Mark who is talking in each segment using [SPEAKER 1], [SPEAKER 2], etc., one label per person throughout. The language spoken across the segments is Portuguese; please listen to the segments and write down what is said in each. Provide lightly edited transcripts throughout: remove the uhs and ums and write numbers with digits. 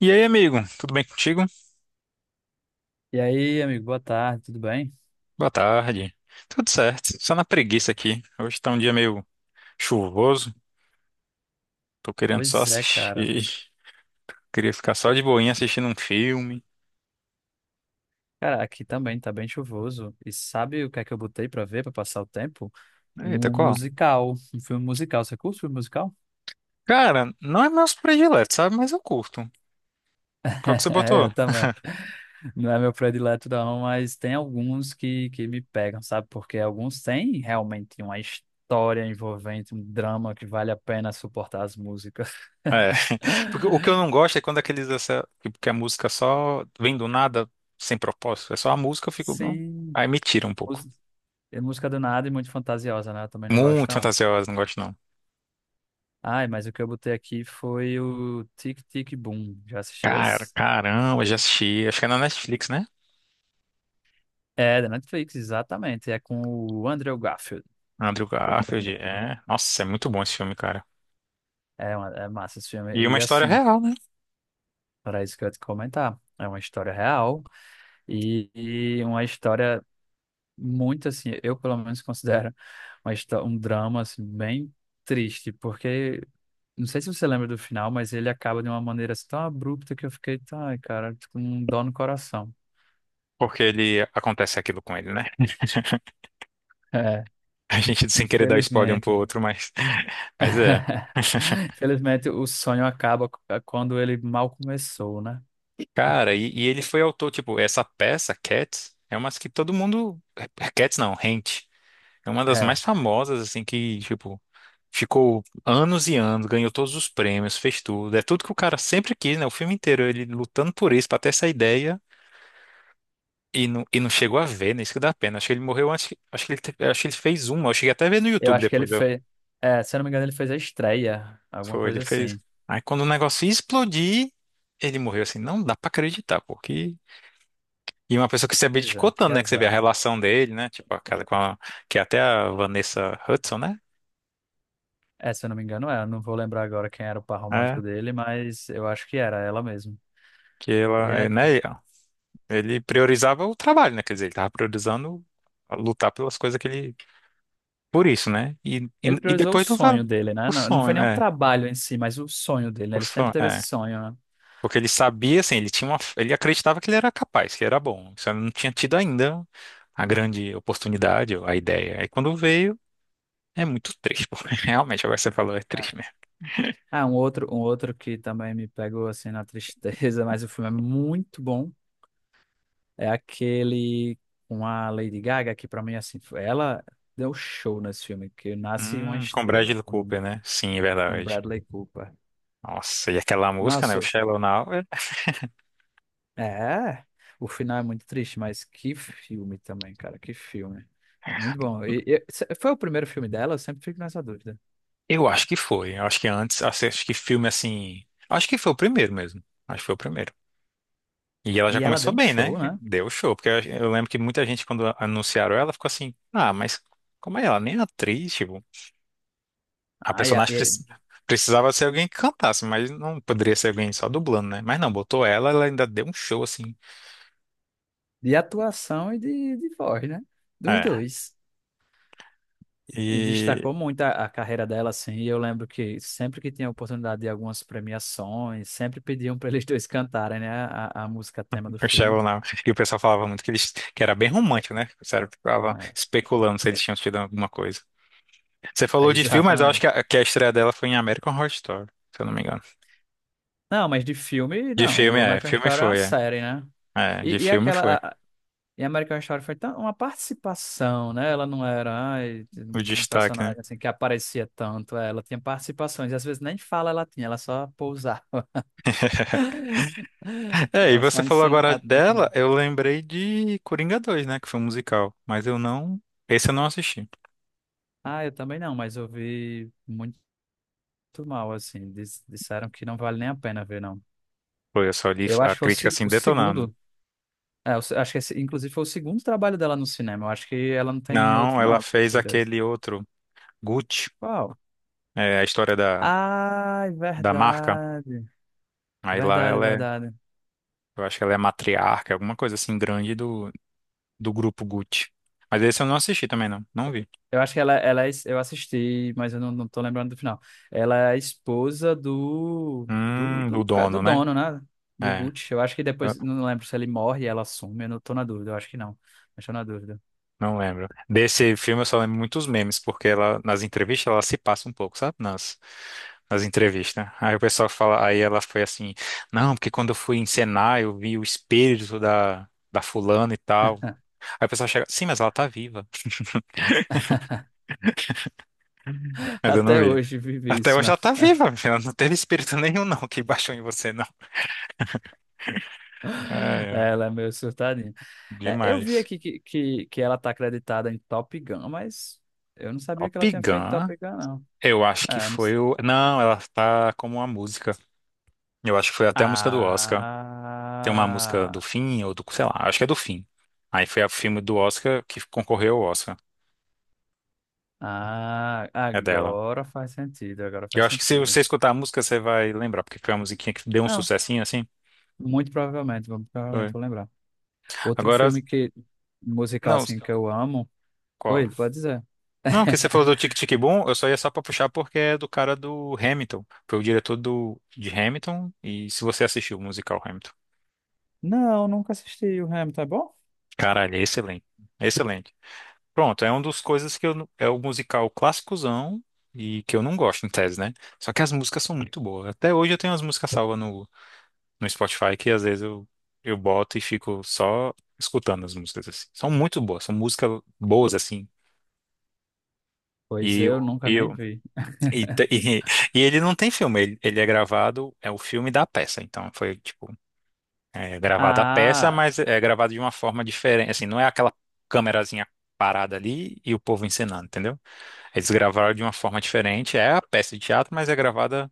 [SPEAKER 1] E aí, amigo, tudo bem contigo?
[SPEAKER 2] E aí, amigo, boa tarde, tudo bem?
[SPEAKER 1] Boa tarde. Tudo certo, só na preguiça aqui. Hoje tá um dia meio chuvoso, tô querendo só
[SPEAKER 2] Pois é,
[SPEAKER 1] assistir.
[SPEAKER 2] cara.
[SPEAKER 1] Queria ficar só de boinha assistindo um filme.
[SPEAKER 2] Cara, aqui também tá bem chuvoso. E sabe o que é que eu botei pra ver, pra passar o tempo?
[SPEAKER 1] Eita,
[SPEAKER 2] Um
[SPEAKER 1] qual?
[SPEAKER 2] musical, um filme musical. Você curte filme musical?
[SPEAKER 1] Cara, não é meus prediletos, sabe? Mas eu curto. Qual que você
[SPEAKER 2] É,
[SPEAKER 1] botou?
[SPEAKER 2] eu também. Não é meu predileto não, mas tem alguns que me pegam, sabe? Porque alguns têm realmente uma história envolvente, um drama que vale a pena suportar as músicas.
[SPEAKER 1] É, porque o que eu não gosto é quando aqueles, essa, tipo, que a música só vem do nada, sem propósito. É só a música, eu fico, não.
[SPEAKER 2] Sim.
[SPEAKER 1] Aí me tira um pouco.
[SPEAKER 2] Mús- É música do nada e muito fantasiosa, né? Eu também não gosto,
[SPEAKER 1] Muito
[SPEAKER 2] não.
[SPEAKER 1] fantasiosa, não gosto não.
[SPEAKER 2] Ai, mas o que eu botei aqui foi o Tic Tic Boom. Já assistiu
[SPEAKER 1] Cara,
[SPEAKER 2] esse?
[SPEAKER 1] caramba, já assisti. Acho que é na Netflix, né?
[SPEAKER 2] É, da Netflix, exatamente. É com o Andrew Garfield.
[SPEAKER 1] Andrew Garfield, é. Nossa, é muito bom esse filme, cara.
[SPEAKER 2] É, é massa esse filme.
[SPEAKER 1] E uma
[SPEAKER 2] E
[SPEAKER 1] história
[SPEAKER 2] assim,
[SPEAKER 1] real, né?
[SPEAKER 2] era isso que eu ia te comentar. É uma história real e uma história muito assim, eu pelo menos considero um drama assim, bem triste, porque não sei se você lembra do final, mas ele acaba de uma maneira assim, tão abrupta que eu fiquei, tá, ai, cara, tô com um dó no coração.
[SPEAKER 1] Porque ele acontece aquilo com ele, né?
[SPEAKER 2] É,
[SPEAKER 1] A gente sem querer dar spoiler um pro
[SPEAKER 2] infelizmente.
[SPEAKER 1] outro, mas, mas é.
[SPEAKER 2] Infelizmente, o sonho acaba quando ele mal começou, né?
[SPEAKER 1] Cara, e ele foi autor, tipo, essa peça, Cats, é uma que todo mundo. Cats não, Rent. É uma das
[SPEAKER 2] É,
[SPEAKER 1] mais famosas, assim, que, tipo, ficou anos e anos, ganhou todos os prêmios, fez tudo. É tudo que o cara sempre quis, né? O filme inteiro, ele lutando por isso, pra ter essa ideia. E não chegou a ver, né? Isso que dá pena. Acho que ele morreu antes. Acho que ele fez uma. Eu cheguei até a ver no
[SPEAKER 2] eu
[SPEAKER 1] YouTube
[SPEAKER 2] acho que ele
[SPEAKER 1] depois. Eu,
[SPEAKER 2] fez. É, se eu não me engano, ele fez a estreia, alguma
[SPEAKER 1] foi, ele
[SPEAKER 2] coisa
[SPEAKER 1] fez.
[SPEAKER 2] assim.
[SPEAKER 1] Aí quando o negócio ia explodir, ele morreu assim. Não dá pra acreditar, porque. E uma pessoa que se
[SPEAKER 2] Pois é,
[SPEAKER 1] abdicou
[SPEAKER 2] que
[SPEAKER 1] tanto, né? Que você vê a
[SPEAKER 2] azar.
[SPEAKER 1] relação dele, né? Tipo, aquela com a. Que é até a Vanessa Hudson, né?
[SPEAKER 2] É, se eu não me engano, é. Eu não vou lembrar agora quem era o par romântico
[SPEAKER 1] É.
[SPEAKER 2] dele, mas eu acho que era ela mesmo.
[SPEAKER 1] Que
[SPEAKER 2] E
[SPEAKER 1] ela, é,
[SPEAKER 2] é-
[SPEAKER 1] né? Ele priorizava o trabalho, né? Quer dizer, ele tava priorizando a lutar pelas coisas que ele. Por isso, né? E, e,
[SPEAKER 2] Ele
[SPEAKER 1] e
[SPEAKER 2] priorizou o
[SPEAKER 1] depois tu fala.
[SPEAKER 2] sonho dele, né?
[SPEAKER 1] O
[SPEAKER 2] Não, não foi
[SPEAKER 1] sonho,
[SPEAKER 2] nem o
[SPEAKER 1] é.
[SPEAKER 2] trabalho em si, mas o sonho dele, né?
[SPEAKER 1] O
[SPEAKER 2] Ele sempre
[SPEAKER 1] sonho,
[SPEAKER 2] teve esse
[SPEAKER 1] é.
[SPEAKER 2] sonho, né?
[SPEAKER 1] Porque ele sabia, assim, ele tinha uma, ele acreditava que ele era capaz, que ele era bom. Só não tinha tido ainda a grande oportunidade, ou a ideia. Aí quando veio, é muito triste, pô. Realmente, agora que você falou, é
[SPEAKER 2] É.
[SPEAKER 1] triste mesmo.
[SPEAKER 2] Ah, um outro que também me pegou assim na tristeza, mas o filme é muito bom. É aquele com a Lady Gaga, que pra mim, assim, ela deu show nesse filme, que Nasce uma
[SPEAKER 1] Com
[SPEAKER 2] Estrela,
[SPEAKER 1] Bradley
[SPEAKER 2] o nome
[SPEAKER 1] Cooper,
[SPEAKER 2] do
[SPEAKER 1] né?
[SPEAKER 2] filme,
[SPEAKER 1] Sim, é
[SPEAKER 2] com
[SPEAKER 1] verdade.
[SPEAKER 2] Bradley Cooper.
[SPEAKER 1] Nossa, e aquela música, né? O
[SPEAKER 2] Nossa,
[SPEAKER 1] Shallow Now.
[SPEAKER 2] é, o final é muito triste, mas que filme também, cara, que filme. Muito bom. Foi o primeiro filme dela, eu sempre fico nessa dúvida.
[SPEAKER 1] Eu acho que foi. Eu acho que antes, acho que filme assim. Acho que foi o primeiro mesmo. Acho que foi o primeiro. E ela já
[SPEAKER 2] E ela
[SPEAKER 1] começou
[SPEAKER 2] deu um
[SPEAKER 1] bem, né?
[SPEAKER 2] show, né?
[SPEAKER 1] Deu show. Porque eu lembro que muita gente, quando anunciaram ela, ficou assim: ah, mas como é ela? Nem é atriz, tipo. A
[SPEAKER 2] Ah,
[SPEAKER 1] personagem precisava ser alguém que cantasse, mas não poderia ser alguém só dublando, né? Mas não, botou ela ainda deu um show assim.
[SPEAKER 2] de atuação e de voz, né? Dos
[SPEAKER 1] É.
[SPEAKER 2] dois. E
[SPEAKER 1] E
[SPEAKER 2] destacou muito a carreira dela, assim. E eu lembro que sempre que tinha oportunidade de algumas premiações, sempre pediam para eles dois cantarem, né? A música tema do
[SPEAKER 1] o
[SPEAKER 2] filme.
[SPEAKER 1] Sheldon, né? E o pessoal falava muito que eles que era bem romântico, né? O pessoal ficava
[SPEAKER 2] É,
[SPEAKER 1] especulando se eles tinham tido alguma coisa. Você
[SPEAKER 2] é
[SPEAKER 1] falou de filme, mas eu acho
[SPEAKER 2] exatamente.
[SPEAKER 1] que que a estreia dela foi em American Horror Story, se eu não me engano.
[SPEAKER 2] Não, mas de filme,
[SPEAKER 1] De
[SPEAKER 2] não.
[SPEAKER 1] filme,
[SPEAKER 2] O
[SPEAKER 1] é.
[SPEAKER 2] American
[SPEAKER 1] Filme
[SPEAKER 2] Horror é uma
[SPEAKER 1] foi, é.
[SPEAKER 2] série, né?
[SPEAKER 1] É, de
[SPEAKER 2] E
[SPEAKER 1] filme foi.
[SPEAKER 2] E American Horror foi tão, uma participação, né? Ela não era ai,
[SPEAKER 1] O
[SPEAKER 2] um
[SPEAKER 1] destaque, né?
[SPEAKER 2] personagem assim que aparecia tanto. É, ela tinha participações. E às vezes nem fala ela tinha, ela só pousava.
[SPEAKER 1] É, e
[SPEAKER 2] Ela
[SPEAKER 1] você
[SPEAKER 2] só
[SPEAKER 1] falou agora
[SPEAKER 2] encenava.
[SPEAKER 1] dela, eu lembrei de Coringa 2, né? Que foi um musical, mas eu não. Esse eu não assisti.
[SPEAKER 2] Ah, eu também não, mas eu vi muito mal, assim. Disseram que não vale nem a pena ver, não.
[SPEAKER 1] Foi, eu só li
[SPEAKER 2] Eu
[SPEAKER 1] a
[SPEAKER 2] acho que foi
[SPEAKER 1] crítica assim
[SPEAKER 2] o
[SPEAKER 1] detonando.
[SPEAKER 2] segundo. É, eu acho que esse, inclusive foi o segundo trabalho dela no cinema. Eu acho que ela não tem
[SPEAKER 1] Não,
[SPEAKER 2] outro, não,
[SPEAKER 1] ela
[SPEAKER 2] além
[SPEAKER 1] fez
[SPEAKER 2] desses dois.
[SPEAKER 1] aquele outro, Gucci,
[SPEAKER 2] Qual?
[SPEAKER 1] é, a história da,
[SPEAKER 2] Ah, é
[SPEAKER 1] da marca.
[SPEAKER 2] verdade.
[SPEAKER 1] Aí lá
[SPEAKER 2] Verdade,
[SPEAKER 1] ela é,
[SPEAKER 2] verdade.
[SPEAKER 1] eu acho que ela é matriarca, alguma coisa assim grande do grupo Gucci. Mas esse eu não assisti também, não. Não vi.
[SPEAKER 2] Eu acho que ela eu assisti, mas eu não tô lembrando do final. Ela é a esposa
[SPEAKER 1] Do
[SPEAKER 2] do
[SPEAKER 1] dono, né?
[SPEAKER 2] dono, né? Do
[SPEAKER 1] É.
[SPEAKER 2] Gucci. Eu acho que depois, não lembro se ele morre e ela assume, eu não tô na dúvida, eu acho que não. Mas tô na dúvida.
[SPEAKER 1] Não lembro. Desse filme eu só lembro muitos memes, porque ela, nas entrevistas ela se passa um pouco, sabe? Nas entrevistas. Aí o pessoal fala, aí ela foi assim, não, porque quando eu fui encenar eu vi o espírito da fulana e tal. Aí o pessoal chega, sim, mas ela tá viva. Mas eu não
[SPEAKER 2] Até
[SPEAKER 1] vi.
[SPEAKER 2] hoje,
[SPEAKER 1] Até hoje ela
[SPEAKER 2] vivíssima.
[SPEAKER 1] tá viva, minha filha. Não teve espírito nenhum, não, que baixou em você, não. É, é,
[SPEAKER 2] Ela é meio surtadinha. É, eu vi
[SPEAKER 1] demais.
[SPEAKER 2] aqui que ela tá acreditada em Top Gun, mas eu não sabia
[SPEAKER 1] Top
[SPEAKER 2] que ela tinha feito
[SPEAKER 1] Gun,
[SPEAKER 2] Top Gun, não.
[SPEAKER 1] eu acho que
[SPEAKER 2] É, não
[SPEAKER 1] foi
[SPEAKER 2] s-
[SPEAKER 1] o. Não, ela tá como uma música. Eu acho que foi até a música do Oscar. Tem uma música do
[SPEAKER 2] ah,
[SPEAKER 1] Fim, ou do, sei lá, acho que é do Fim. Aí foi o filme do Oscar que concorreu ao Oscar.
[SPEAKER 2] ah,
[SPEAKER 1] É dela.
[SPEAKER 2] agora faz sentido, agora
[SPEAKER 1] Eu
[SPEAKER 2] faz
[SPEAKER 1] acho que se
[SPEAKER 2] sentido.
[SPEAKER 1] você escutar a música, você vai lembrar, porque foi uma musiquinha que deu um
[SPEAKER 2] Não,
[SPEAKER 1] sucessinho assim.
[SPEAKER 2] muito provavelmente, provavelmente
[SPEAKER 1] Foi.
[SPEAKER 2] vou lembrar. Outro
[SPEAKER 1] Agora,
[SPEAKER 2] filme que musical
[SPEAKER 1] não,
[SPEAKER 2] assim que eu amo.
[SPEAKER 1] qual?
[SPEAKER 2] Oi, pode dizer.
[SPEAKER 1] Não, que você falou do Tic Tic Boom, eu só ia só pra puxar porque é do cara do Hamilton. Foi o diretor de Hamilton, e se você assistiu o musical Hamilton.
[SPEAKER 2] Não, nunca assisti o Hamilton, é bom?
[SPEAKER 1] Caralho, é excelente. Excelente. Pronto, é uma das coisas que eu, é o musical clássicozão e que eu não gosto em tese, né? Só que as músicas são muito boas. Até hoje eu tenho as músicas salvas no Spotify que às vezes eu boto e fico só escutando as músicas assim. São muito boas, são músicas boas assim.
[SPEAKER 2] Pois
[SPEAKER 1] E eu,
[SPEAKER 2] eu nunca nem
[SPEAKER 1] eu
[SPEAKER 2] vi.
[SPEAKER 1] e, te- e, e ele não tem filme, ele é gravado, é o filme da peça, então foi tipo, é gravada a peça,
[SPEAKER 2] Ah,
[SPEAKER 1] mas é gravado de uma forma diferente, assim, não é aquela câmerazinha parada ali e o povo encenando, entendeu? Eles gravaram de uma forma diferente. É a peça de teatro, mas é gravada,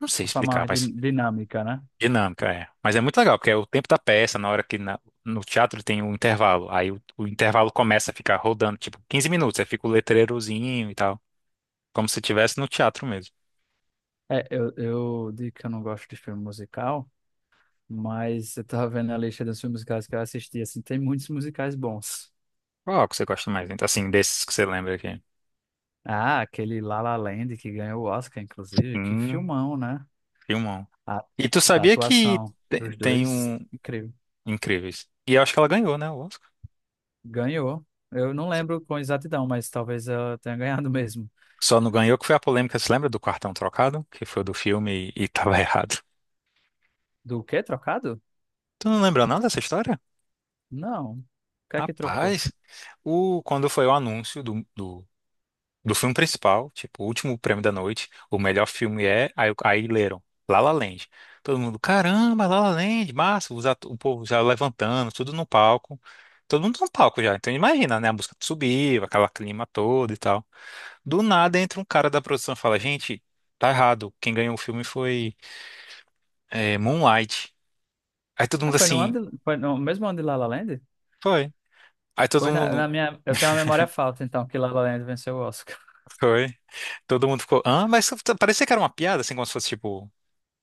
[SPEAKER 1] não sei
[SPEAKER 2] a forma
[SPEAKER 1] explicar,
[SPEAKER 2] mais
[SPEAKER 1] mas
[SPEAKER 2] dinâmica, né?
[SPEAKER 1] dinâmica é. Mas é muito legal, porque é o tempo da peça, na hora que no teatro tem um intervalo. Aí o intervalo começa a ficar rodando, tipo, 15 minutos, aí fica o letreirozinho e tal. Como se estivesse no teatro mesmo.
[SPEAKER 2] É, eu digo que eu não gosto de filme musical, mas eu tava vendo a lista dos filmes musicais que eu assisti, assim, tem muitos musicais bons.
[SPEAKER 1] Qual que você gosta mais, então, assim, desses que você lembra aqui?
[SPEAKER 2] Ah, aquele La La Land que ganhou o Oscar, inclusive. Que
[SPEAKER 1] Hum,
[SPEAKER 2] filmão, né?
[SPEAKER 1] filmão.
[SPEAKER 2] A,
[SPEAKER 1] E tu
[SPEAKER 2] a
[SPEAKER 1] sabia que
[SPEAKER 2] atuação dos
[SPEAKER 1] tem
[SPEAKER 2] dois,
[SPEAKER 1] um...
[SPEAKER 2] incrível.
[SPEAKER 1] Incríveis. E eu acho que ela ganhou, né, o Oscar?
[SPEAKER 2] Ganhou. Eu não lembro com exatidão, mas talvez eu tenha ganhado mesmo.
[SPEAKER 1] Só não ganhou que foi a polêmica, você lembra do cartão trocado? Que foi do filme e tava errado.
[SPEAKER 2] Do quê? Trocado?
[SPEAKER 1] Tu não lembra nada dessa história?
[SPEAKER 2] Não. O que é que trocou?
[SPEAKER 1] Rapaz, o, quando foi o anúncio do filme principal, tipo, o último prêmio da noite, o melhor filme é, aí leram, La La Land. Todo mundo, caramba, La La Land, massa, o povo já levantando, tudo no palco. Todo mundo no palco já, então imagina, né, a música subir, aquela clima todo e tal. Do nada entra um cara da produção e fala, gente, tá errado, quem ganhou o filme foi Moonlight. Aí todo
[SPEAKER 2] Ah,
[SPEAKER 1] mundo assim,
[SPEAKER 2] foi no mesmo ano de La La Land?
[SPEAKER 1] foi. Aí todo
[SPEAKER 2] Pois na,
[SPEAKER 1] mundo,
[SPEAKER 2] na minha. Eu tenho uma memória falta, então, que La La Land venceu o Oscar.
[SPEAKER 1] foi. Todo mundo ficou, ah, mas parecia que era uma piada, assim, como se fosse tipo.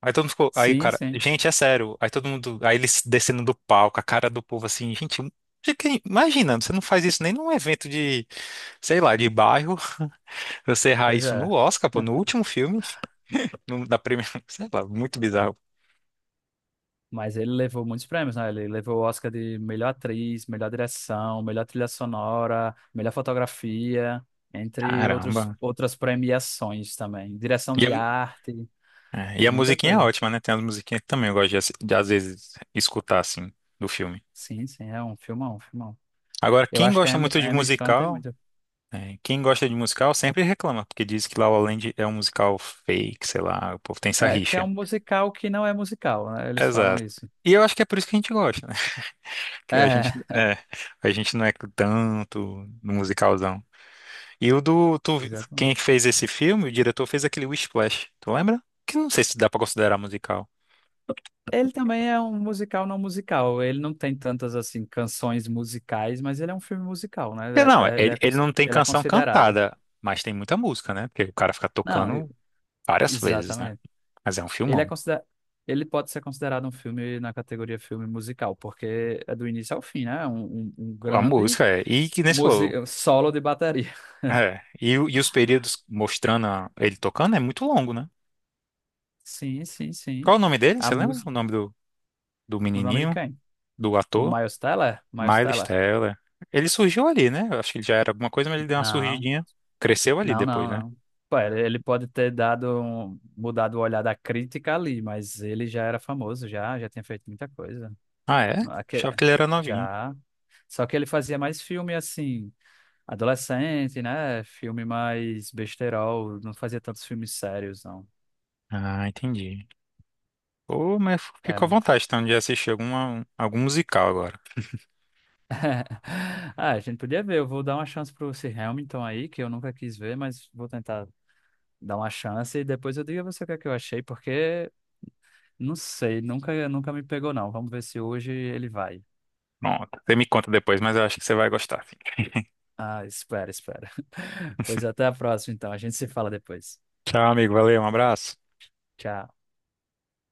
[SPEAKER 1] Aí todo mundo ficou, aí,
[SPEAKER 2] Sim,
[SPEAKER 1] cara,
[SPEAKER 2] sim.
[SPEAKER 1] gente, é sério. Aí todo mundo, aí eles descendo do palco, a cara do povo assim, gente, imagina, você não faz isso nem num evento de, sei lá, de bairro, você errar
[SPEAKER 2] Pois
[SPEAKER 1] isso
[SPEAKER 2] é.
[SPEAKER 1] no Oscar, pô, no último filme, da primeira, sei lá, muito bizarro.
[SPEAKER 2] Mas ele levou muitos prêmios, né? Ele levou o Oscar de melhor atriz, melhor direção, melhor trilha sonora, melhor fotografia, entre outros,
[SPEAKER 1] Caramba.
[SPEAKER 2] outras premiações também. Direção
[SPEAKER 1] E a,
[SPEAKER 2] de arte,
[SPEAKER 1] e a
[SPEAKER 2] muita
[SPEAKER 1] musiquinha é
[SPEAKER 2] coisa.
[SPEAKER 1] ótima, né? Tem as musiquinhas que também eu gosto de, de, às vezes, escutar, assim, do filme.
[SPEAKER 2] Sim, sim, é um filmão, um filmão.
[SPEAKER 1] Agora,
[SPEAKER 2] Eu
[SPEAKER 1] quem
[SPEAKER 2] acho que a
[SPEAKER 1] gosta
[SPEAKER 2] Emma
[SPEAKER 1] muito de
[SPEAKER 2] a Emma Stone tem
[SPEAKER 1] musical.
[SPEAKER 2] muito.
[SPEAKER 1] É, quem gosta de musical sempre reclama, porque diz que La La Land é um musical fake, sei lá, o povo tem essa
[SPEAKER 2] É, que é
[SPEAKER 1] rixa.
[SPEAKER 2] um musical que não é musical, né? Eles falam
[SPEAKER 1] Exato.
[SPEAKER 2] isso.
[SPEAKER 1] E eu acho que é por isso que a gente gosta, né? Que a gente,
[SPEAKER 2] É,
[SPEAKER 1] é, a gente não é tanto no musicalzão. E o do, tu-
[SPEAKER 2] exatamente.
[SPEAKER 1] quem fez esse filme, o diretor fez aquele Whiplash, tu lembra? Que eu não sei se dá pra considerar musical.
[SPEAKER 2] Ele também é um musical não musical. Ele não tem tantas, assim, canções musicais, mas ele é um filme musical, né?
[SPEAKER 1] É, Não, ele, ele não tem
[SPEAKER 2] Ele é
[SPEAKER 1] canção
[SPEAKER 2] considerado.
[SPEAKER 1] cantada, mas tem muita música, né? Porque o cara fica
[SPEAKER 2] Não,
[SPEAKER 1] tocando várias vezes, né?
[SPEAKER 2] exatamente.
[SPEAKER 1] Mas é um
[SPEAKER 2] Ele é
[SPEAKER 1] filmão.
[SPEAKER 2] considera... Ele pode ser considerado um filme na categoria filme musical, porque é do início ao fim, né? É um
[SPEAKER 1] A
[SPEAKER 2] grande
[SPEAKER 1] música é. E que nem você falou,
[SPEAKER 2] solo de bateria.
[SPEAKER 1] É. E os períodos mostrando ele tocando é muito longo, né?
[SPEAKER 2] Sim, sim, sim.
[SPEAKER 1] Qual o nome dele?
[SPEAKER 2] A
[SPEAKER 1] Você lembra o
[SPEAKER 2] música.
[SPEAKER 1] nome do
[SPEAKER 2] O nome de
[SPEAKER 1] menininho,
[SPEAKER 2] quem?
[SPEAKER 1] do
[SPEAKER 2] O
[SPEAKER 1] ator?
[SPEAKER 2] Miles Teller? Miles
[SPEAKER 1] Miles
[SPEAKER 2] Teller?
[SPEAKER 1] Teller. Ele surgiu ali, né? Eu acho que ele já era alguma coisa, mas ele deu uma
[SPEAKER 2] Não,
[SPEAKER 1] surgidinha. Cresceu ali
[SPEAKER 2] não,
[SPEAKER 1] depois,
[SPEAKER 2] não,
[SPEAKER 1] né?
[SPEAKER 2] não. Pô, ele pode ter dado mudado o olhar da crítica ali, mas ele já era famoso, já tinha feito muita coisa.
[SPEAKER 1] Ah, é?
[SPEAKER 2] Aque...
[SPEAKER 1] Achava que ele era novinho.
[SPEAKER 2] Já. Só que ele fazia mais filme assim, adolescente, né? Filme mais besterol, não fazia tantos filmes sérios, não.
[SPEAKER 1] Ah, entendi. Pô, mas fiquei
[SPEAKER 2] É.
[SPEAKER 1] com vontade então de assistir alguma, algum musical agora.
[SPEAKER 2] Ah, a gente podia ver, eu vou dar uma chance pro esse Hamilton aí, que eu nunca quis ver, mas vou tentar dar uma chance e depois eu digo a você o que é que eu achei, porque não sei, nunca me pegou não. Vamos ver se hoje ele vai.
[SPEAKER 1] Pronto. Você me conta depois, mas eu acho que você vai gostar, sim.
[SPEAKER 2] Ah, espera, espera. Pois até a próxima, então. A gente se fala depois.
[SPEAKER 1] Tchau, amigo. Valeu, um abraço.
[SPEAKER 2] Tchau.